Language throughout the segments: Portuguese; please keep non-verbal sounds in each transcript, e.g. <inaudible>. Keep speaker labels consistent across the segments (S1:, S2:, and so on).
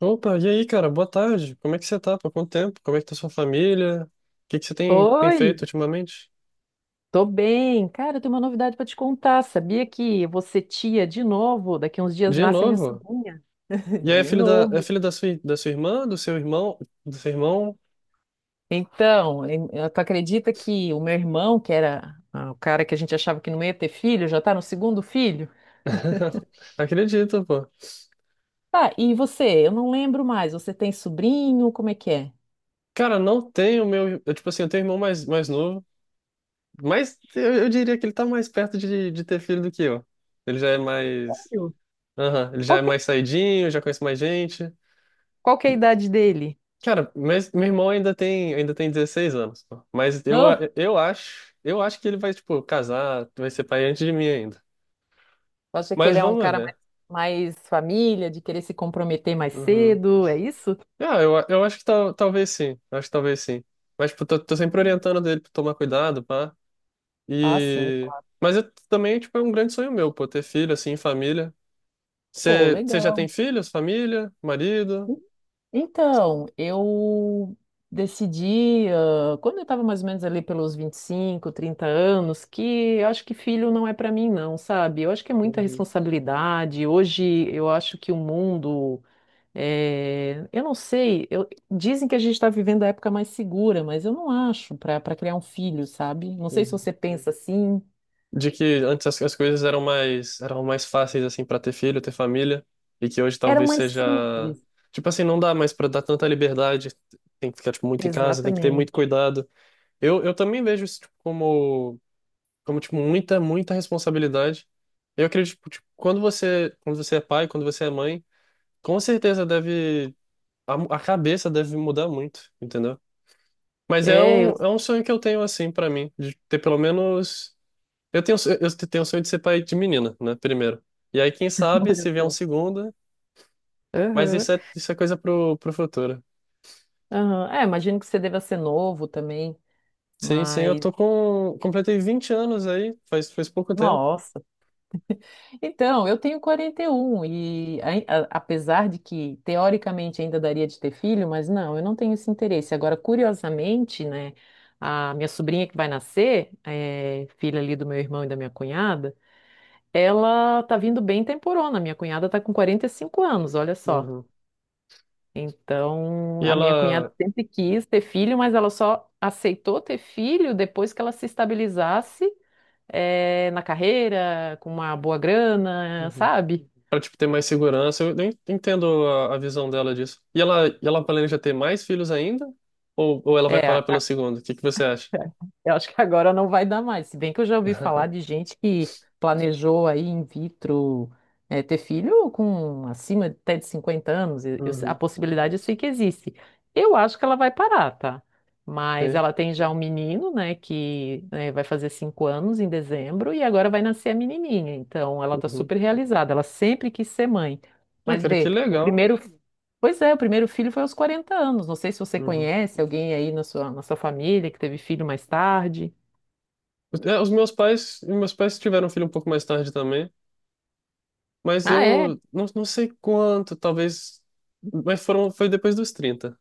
S1: Opa, e aí, cara? Boa tarde. Como é que você tá? Por quanto tempo? Como é que tá sua família? O que que você tem
S2: Oi,
S1: feito ultimamente?
S2: tô bem. Cara, eu tenho uma novidade pra te contar. Sabia que você tia de novo? Daqui a uns dias
S1: De
S2: nasce a minha
S1: novo?
S2: sobrinha. <laughs>
S1: E aí,
S2: De
S1: é
S2: novo.
S1: filho da sua, da sua irmã, do seu irmão?
S2: Então, tu acredita que o meu irmão, que era o cara que a gente achava que não ia ter filho, já tá no segundo filho?
S1: <laughs> Acredito, pô.
S2: Tá, e você? Eu não lembro mais. Você tem sobrinho? Como é que é?
S1: Cara, não tenho meu, eu, tipo assim, eu tenho irmão mais novo, mas eu diria que ele tá mais perto de ter filho do que eu. Ele já é mais,
S2: Sério?
S1: aham, ele já é
S2: Qual que,
S1: mais saidinho, já conhece mais gente.
S2: qual que é a idade dele?
S1: Cara, mas meu irmão ainda tem 16 anos, pô. Mas eu,
S2: Não?
S1: eu acho que ele vai, tipo, casar, vai ser pai antes de mim ainda.
S2: Acha que
S1: Mas
S2: ele é um
S1: vamos
S2: cara
S1: ver.
S2: mais, família, de querer se comprometer mais
S1: Uhum.
S2: cedo? É isso?
S1: Ah, eu acho que talvez sim, acho que talvez sim. Mas, tipo, tô sempre orientando dele pra tomar cuidado, pá.
S2: Ah, sim.
S1: E. Mas eu, também, tipo, é um grande sonho meu, pô, ter filho, assim, família.
S2: Pô,
S1: Você já tem
S2: legal.
S1: filhos, família, marido?
S2: Então, eu decidi, quando eu estava mais ou menos ali pelos 25 30 anos, que eu acho que filho não é para mim, não, sabe? Eu acho que é muita
S1: Uhum,
S2: responsabilidade. Hoje eu acho que o mundo. Eu não sei, eu- dizem que a gente está vivendo a época mais segura, mas eu não acho para criar um filho, sabe? Não sei se
S1: uhum.
S2: você pensa assim.
S1: De que antes as coisas eram mais fáceis assim para ter filho, ter família, e que hoje
S2: Era
S1: talvez
S2: mais
S1: seja,
S2: simples.
S1: tipo assim, não dá mais para dar tanta liberdade, tem que ficar tipo muito em casa, tem que ter muito
S2: Exatamente.
S1: cuidado. Eu também vejo isso tipo, como tipo muita muita responsabilidade. Eu acredito tipo, tipo, quando você é pai, quando você é mãe, com certeza deve a cabeça deve mudar muito, entendeu? Mas
S2: É, eu.
S1: é um sonho que eu tenho assim para mim, de ter pelo menos eu tenho, eu tenho o sonho de ser pai de menina, né? Primeiro. E aí, quem
S2: <laughs>
S1: sabe,
S2: Olha
S1: se vier um
S2: só.
S1: segundo. Mas
S2: Aham.
S1: isso é coisa pro futuro.
S2: Aham. É, imagino que você deva ser novo também,
S1: Sim, sim, eu
S2: mas
S1: tô com. Completei 20 anos aí, faz pouco tempo.
S2: nossa. Então, eu tenho 41 e apesar de que teoricamente ainda daria de ter filho, mas não, eu não tenho esse interesse. Agora, curiosamente, né, a minha sobrinha que vai nascer, filha ali do meu irmão e da minha cunhada, ela tá vindo bem temporona. Minha cunhada tá com 45 anos, olha só.
S1: Uhum.
S2: Então,
S1: E
S2: a minha cunhada
S1: ela.
S2: sempre quis ter filho, mas ela só aceitou ter filho depois que ela se estabilizasse na carreira, com uma boa grana,
S1: Uhum.
S2: sabe?
S1: Pra, tipo, ter mais segurança, eu nem entendo a visão dela disso. E ela planeja ter mais filhos ainda? Ou ela vai
S2: É,
S1: parar pelo segundo? O que que você acha?
S2: eu acho que agora não vai dar mais. Se bem que eu já ouvi falar de
S1: <laughs>
S2: gente que planejou aí in vitro, ter filho com até de 50 anos. A
S1: Uhum.
S2: possibilidade eu sei que existe. Eu acho que ela vai parar, tá? Mas
S1: Sim.
S2: ela tem já um menino, né, que vai fazer 5 anos em dezembro e agora vai nascer a menininha. Então ela tá
S1: Uhum.
S2: super realizada. Ela sempre quis ser mãe.
S1: Ah,
S2: Mas
S1: cara, que
S2: vê, o
S1: legal.
S2: primeiro. Pois é, o primeiro filho foi aos 40 anos. Não sei se você
S1: Uhum.
S2: conhece alguém aí na sua família que teve filho mais tarde.
S1: É, os meus pais tiveram um filho um pouco mais tarde também. Mas
S2: Ah, é?
S1: eu não sei quanto, talvez. Mas foram, foi depois dos 30,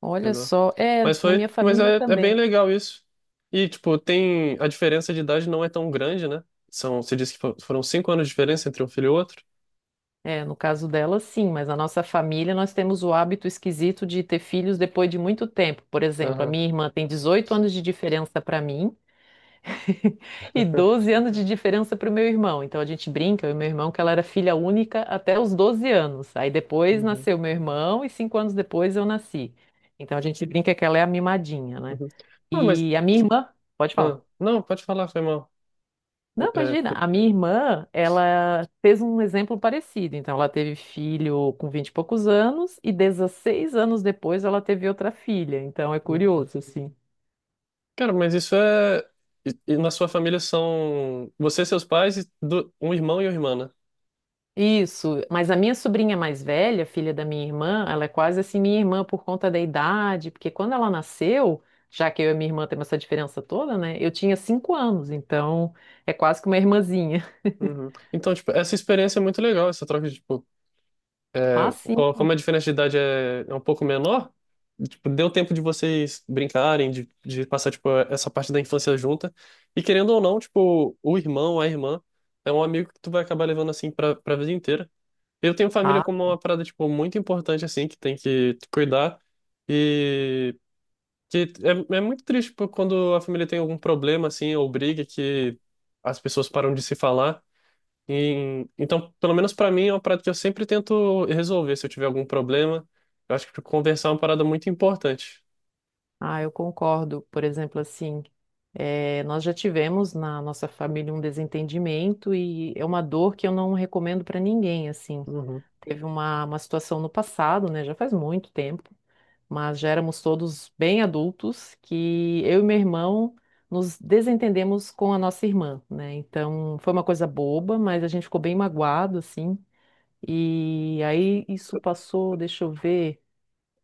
S2: Olha
S1: entendeu?
S2: só. É,
S1: Mas
S2: na
S1: foi,
S2: minha
S1: mas
S2: família
S1: é, é bem
S2: também.
S1: legal isso. E, tipo, tem. A diferença de idade não é tão grande, né? São, você disse que foram 5 anos de diferença entre um filho e outro.
S2: É, no caso dela, sim, mas na nossa família nós temos o hábito esquisito de ter filhos depois de muito tempo. Por exemplo, a
S1: Aham.
S2: minha irmã tem 18 anos de diferença para mim, <laughs> e
S1: <laughs>
S2: 12 anos de diferença para o meu irmão. Então a gente brinca, eu e meu irmão, que ela era filha única até os 12 anos. Aí depois
S1: Uhum,
S2: nasceu meu irmão e 5 anos depois eu nasci. Então a gente brinca que ela é a mimadinha, né?
S1: uhum. Ah, mas.
S2: E a minha irmã, pode falar.
S1: Ah, não, pode falar, foi mal.
S2: Não,
S1: É,
S2: imagina, a minha irmã, ela fez um exemplo parecido. Então ela teve filho com 20 e poucos anos e 16 anos depois ela teve outra filha. Então é curioso, assim.
S1: cara, mas isso é. E na sua família são você, seus pais, e um irmão e uma irmã, né?
S2: Isso, mas a minha sobrinha mais velha, filha da minha irmã, ela é quase assim minha irmã por conta da idade, porque quando ela nasceu, já que eu e minha irmã temos essa diferença toda, né? Eu tinha 5 anos, então é quase que uma irmãzinha. <laughs>
S1: Uhum. Então, tipo, essa experiência é muito legal, essa troca de, tipo,
S2: Ah,
S1: é,
S2: sim.
S1: como a diferença de idade é um pouco menor, tipo, deu tempo de vocês brincarem, de passar, tipo, essa parte da infância junta. E querendo ou não, tipo, o irmão, a irmã, é um amigo que tu vai acabar levando, assim, pra vida inteira. Eu tenho família
S2: Ah,
S1: como uma parada, tipo, muito importante, assim, que tem que cuidar. E que é, é muito triste, tipo, quando a família tem algum problema, assim, ou briga, que as pessoas param de se falar. E, então, pelo menos pra mim, é uma parada que eu sempre tento resolver se eu tiver algum problema. Eu acho que conversar é uma parada muito importante.
S2: ah, eu concordo. Por exemplo, assim, nós já tivemos na nossa família um desentendimento e é uma dor que eu não recomendo para ninguém, assim.
S1: Uhum.
S2: Teve uma situação no passado, né? Já faz muito tempo, mas já éramos todos bem adultos, que eu e meu irmão nos desentendemos com a nossa irmã, né? Então foi uma coisa boba, mas a gente ficou bem magoado, assim. E aí isso passou, deixa eu ver,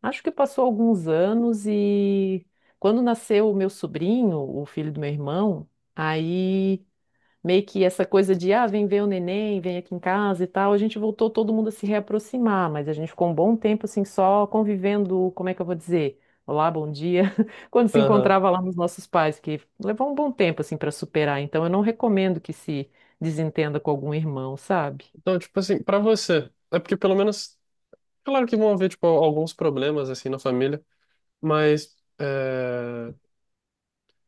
S2: acho que passou alguns anos e quando nasceu o meu sobrinho, o filho do meu irmão, aí meio que essa coisa de, ah, vem ver o neném, vem aqui em casa e tal, a gente voltou todo mundo a se reaproximar, mas a gente ficou um bom tempo assim só convivendo, como é que eu vou dizer? Olá, bom dia. <laughs> Quando se
S1: Aham.
S2: encontrava lá nos nossos pais, que levou um bom tempo assim para superar, então eu não recomendo que se desentenda com algum irmão, sabe?
S1: Então, tipo assim, pra você, é porque pelo menos, claro que vão haver, tipo, alguns problemas, assim, na família, mas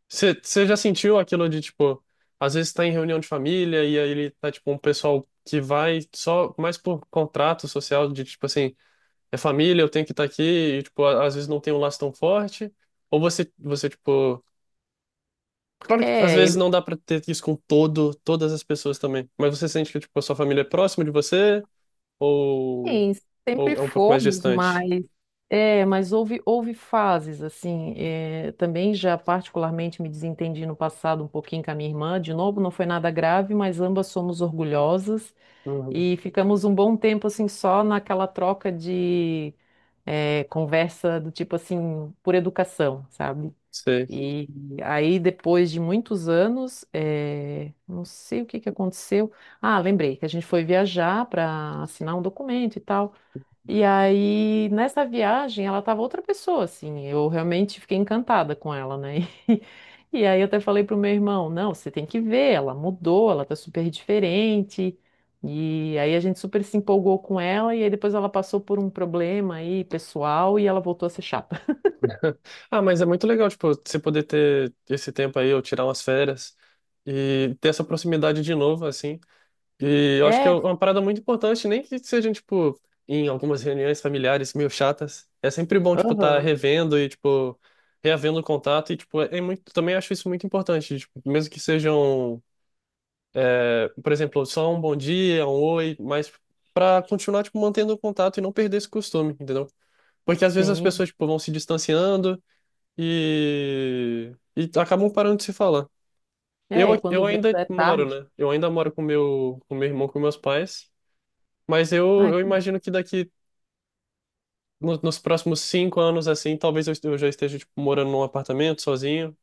S1: você já sentiu aquilo de, tipo, às vezes tá em reunião de família e aí ele tá, tipo, um pessoal que vai só mais por contrato social, de, tipo assim, é família, eu tenho que estar aqui, e, tipo, às vezes não tem um laço tão forte, ou você, tipo, claro que às
S2: É,
S1: vezes não dá pra ter isso com todas as pessoas também, mas você sente que, tipo, a sua família é próxima de você, ou,
S2: sim, sempre
S1: ou é um pouco mais
S2: fomos,
S1: distante?
S2: mas mas houve fases assim. Também já particularmente me desentendi no passado um pouquinho com a minha irmã. De novo, não foi nada grave, mas ambas somos orgulhosas
S1: Uhum.
S2: e ficamos um bom tempo assim só naquela troca de conversa do tipo assim por educação, sabe?
S1: Sei.
S2: E aí depois de muitos anos, não sei o que que aconteceu. Ah, lembrei que a gente foi viajar para assinar um documento e tal. E aí, nessa viagem, ela tava outra pessoa, assim. Eu realmente fiquei encantada com ela, né? <laughs> E aí eu até falei pro meu irmão, não, você tem que ver, ela mudou, ela tá super diferente. E aí a gente super se empolgou com ela, e aí depois ela passou por um problema aí, pessoal, e ela voltou a ser chata. <laughs>
S1: <laughs> Ah, mas é muito legal, tipo, você poder ter esse tempo aí, ou tirar umas férias, e ter essa proximidade de novo, assim. E eu acho que é
S2: É,
S1: uma parada muito importante, nem que sejam, tipo, em algumas reuniões familiares meio chatas. É sempre bom, tipo, estar
S2: aham,
S1: revendo e, tipo, reavendo o contato. E, tipo, é muito, também acho isso muito importante. Tipo, mesmo que sejam, é, por exemplo, só um bom dia, um oi, mas pra continuar, tipo, mantendo o contato e não perder esse costume, entendeu? Porque às vezes as
S2: sim.
S1: pessoas, tipo, vão se distanciando e acabam parando de se falar. Eu,
S2: É, quando
S1: eu
S2: vê
S1: ainda
S2: já é
S1: moro,
S2: tarde.
S1: né? Eu ainda moro com meu irmão, com meus pais. Mas eu,
S2: Ai,
S1: eu imagino que daqui nos próximos 5 anos, assim, talvez eu já esteja, tipo, morando num apartamento sozinho.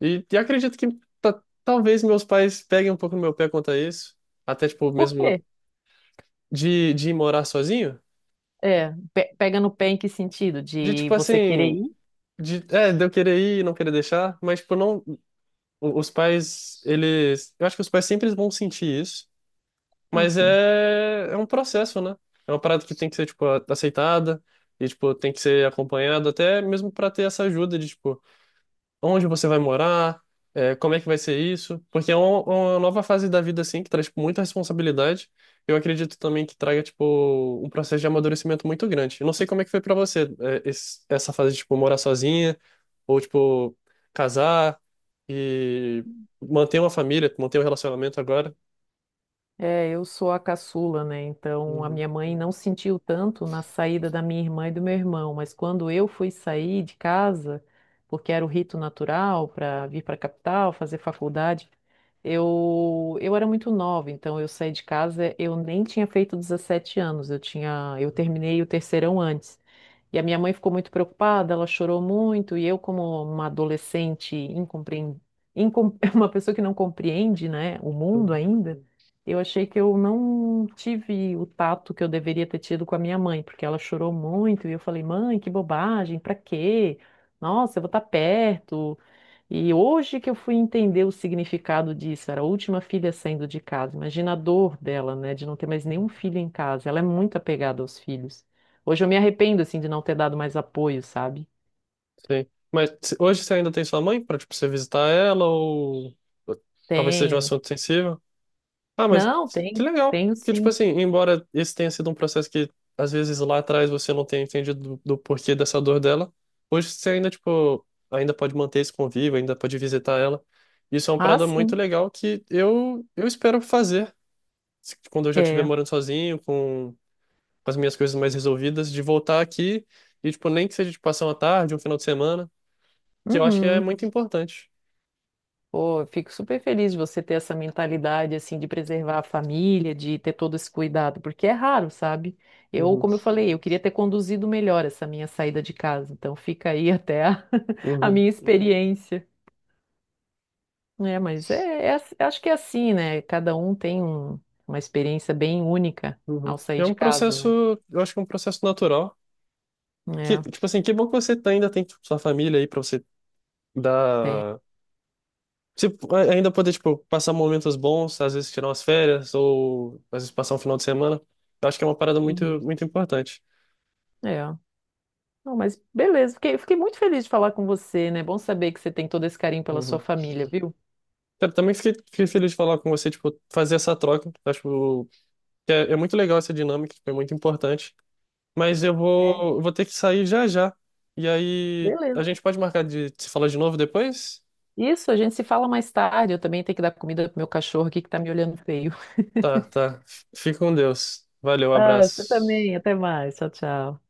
S1: E acredito que talvez meus pais peguem um pouco no meu pé quanto a isso. Até, tipo,
S2: por
S1: mesmo
S2: quê?
S1: de ir morar sozinho.
S2: É, pega no pé em que sentido?
S1: De,
S2: De
S1: tipo,
S2: você querer
S1: assim,
S2: ir?
S1: de eu querer ir e não querer deixar. Mas, tipo, não, os pais, eles, eu acho que os pais sempre vão sentir isso.
S2: Ah,
S1: Mas
S2: sim.
S1: é, é um processo, né? É uma parada que tem que ser, tipo, aceitada e, tipo, tem que ser acompanhado até mesmo para ter essa ajuda de, tipo, onde você vai morar, é, como é que vai ser isso. Porque é uma nova fase da vida, assim, que traz, tipo, muita responsabilidade. Eu acredito também que traga, tipo, um processo de amadurecimento muito grande. Eu não sei como é que foi para você, é, essa fase de, tipo, morar sozinha ou, tipo, casar e manter uma família, manter um relacionamento agora.
S2: É, eu sou a caçula, né? Então a
S1: Uhum.
S2: minha mãe não sentiu tanto na saída da minha irmã e do meu irmão, mas quando eu fui sair de casa, porque era o rito natural para vir para a capital, fazer faculdade, eu era muito nova, então eu saí de casa, eu nem tinha feito 17 anos, eu terminei o terceirão antes. E a minha mãe ficou muito preocupada, ela chorou muito, e eu, como uma adolescente incompreendida, <laughs> uma pessoa que não compreende, né, o mundo
S1: Uhum.
S2: ainda, eu achei que eu não tive o tato que eu deveria ter tido com a minha mãe, porque ela chorou muito e eu falei, mãe, que bobagem, pra quê? Nossa, eu vou estar perto. E hoje que eu fui entender o significado disso, era a última filha saindo de casa. Imagina a dor dela, né, de não ter mais nenhum filho em casa. Ela é muito apegada aos filhos. Hoje eu me arrependo, assim, de não ter dado mais apoio, sabe?
S1: Sim. Mas hoje você ainda tem sua mãe para tipo, você visitar ela ou talvez seja um
S2: Tenho.
S1: assunto sensível? Ah, mas
S2: Não,
S1: que
S2: tenho.
S1: legal.
S2: Tenho
S1: Porque, tipo
S2: sim.
S1: assim, embora esse tenha sido um processo que às vezes lá atrás você não tenha entendido do, do porquê dessa dor dela, hoje você ainda, tipo, ainda pode manter esse convívio, ainda pode visitar ela. Isso é uma
S2: Ah,
S1: parada muito
S2: sim.
S1: legal que eu espero fazer quando eu já estiver
S2: É.
S1: morando sozinho, com as minhas coisas mais resolvidas, de voltar aqui e, tipo, nem que seja de passar uma tarde, um final de semana que eu acho que é
S2: Uhum.
S1: muito importante.
S2: Pô, eu fico super feliz de você ter essa mentalidade, assim, de preservar a família, de ter todo esse cuidado, porque é raro, sabe? Eu,
S1: Uhum,
S2: como eu falei, eu queria ter conduzido melhor essa minha saída de casa, então fica aí até a, <laughs> a
S1: uhum,
S2: minha experiência. É, mas acho que é assim, né? Cada um tem uma experiência bem única
S1: uhum.
S2: ao sair
S1: É
S2: de
S1: um
S2: casa,
S1: processo,
S2: né?
S1: eu acho que é um processo natural. Que,
S2: É,
S1: tipo assim, que bom que você ainda tem tipo, sua família aí pra você
S2: tem.
S1: dar. Se, ainda poder, tipo, passar momentos bons, às vezes tirar umas férias, ou às vezes passar um final de semana. Eu acho que é uma parada muito,
S2: Uhum.
S1: muito importante.
S2: É. Não, mas beleza, fiquei muito feliz de falar com você, né? Bom saber que você tem todo esse carinho pela sua
S1: Uhum.
S2: família, viu?
S1: Cara, também fiquei feliz de falar com você, tipo, fazer essa troca. Acho que é muito legal essa dinâmica, tipo, é muito importante. Mas eu
S2: É,
S1: vou ter que sair já já. E aí, a
S2: beleza.
S1: gente pode marcar de se falar de novo depois?
S2: Isso, a gente se fala mais tarde. Eu também tenho que dar comida pro meu cachorro aqui que tá me olhando feio.
S1: Tá, tá. Fica com Deus. Valeu,
S2: Ah, você
S1: abraço.
S2: também. Até mais. Tchau, tchau.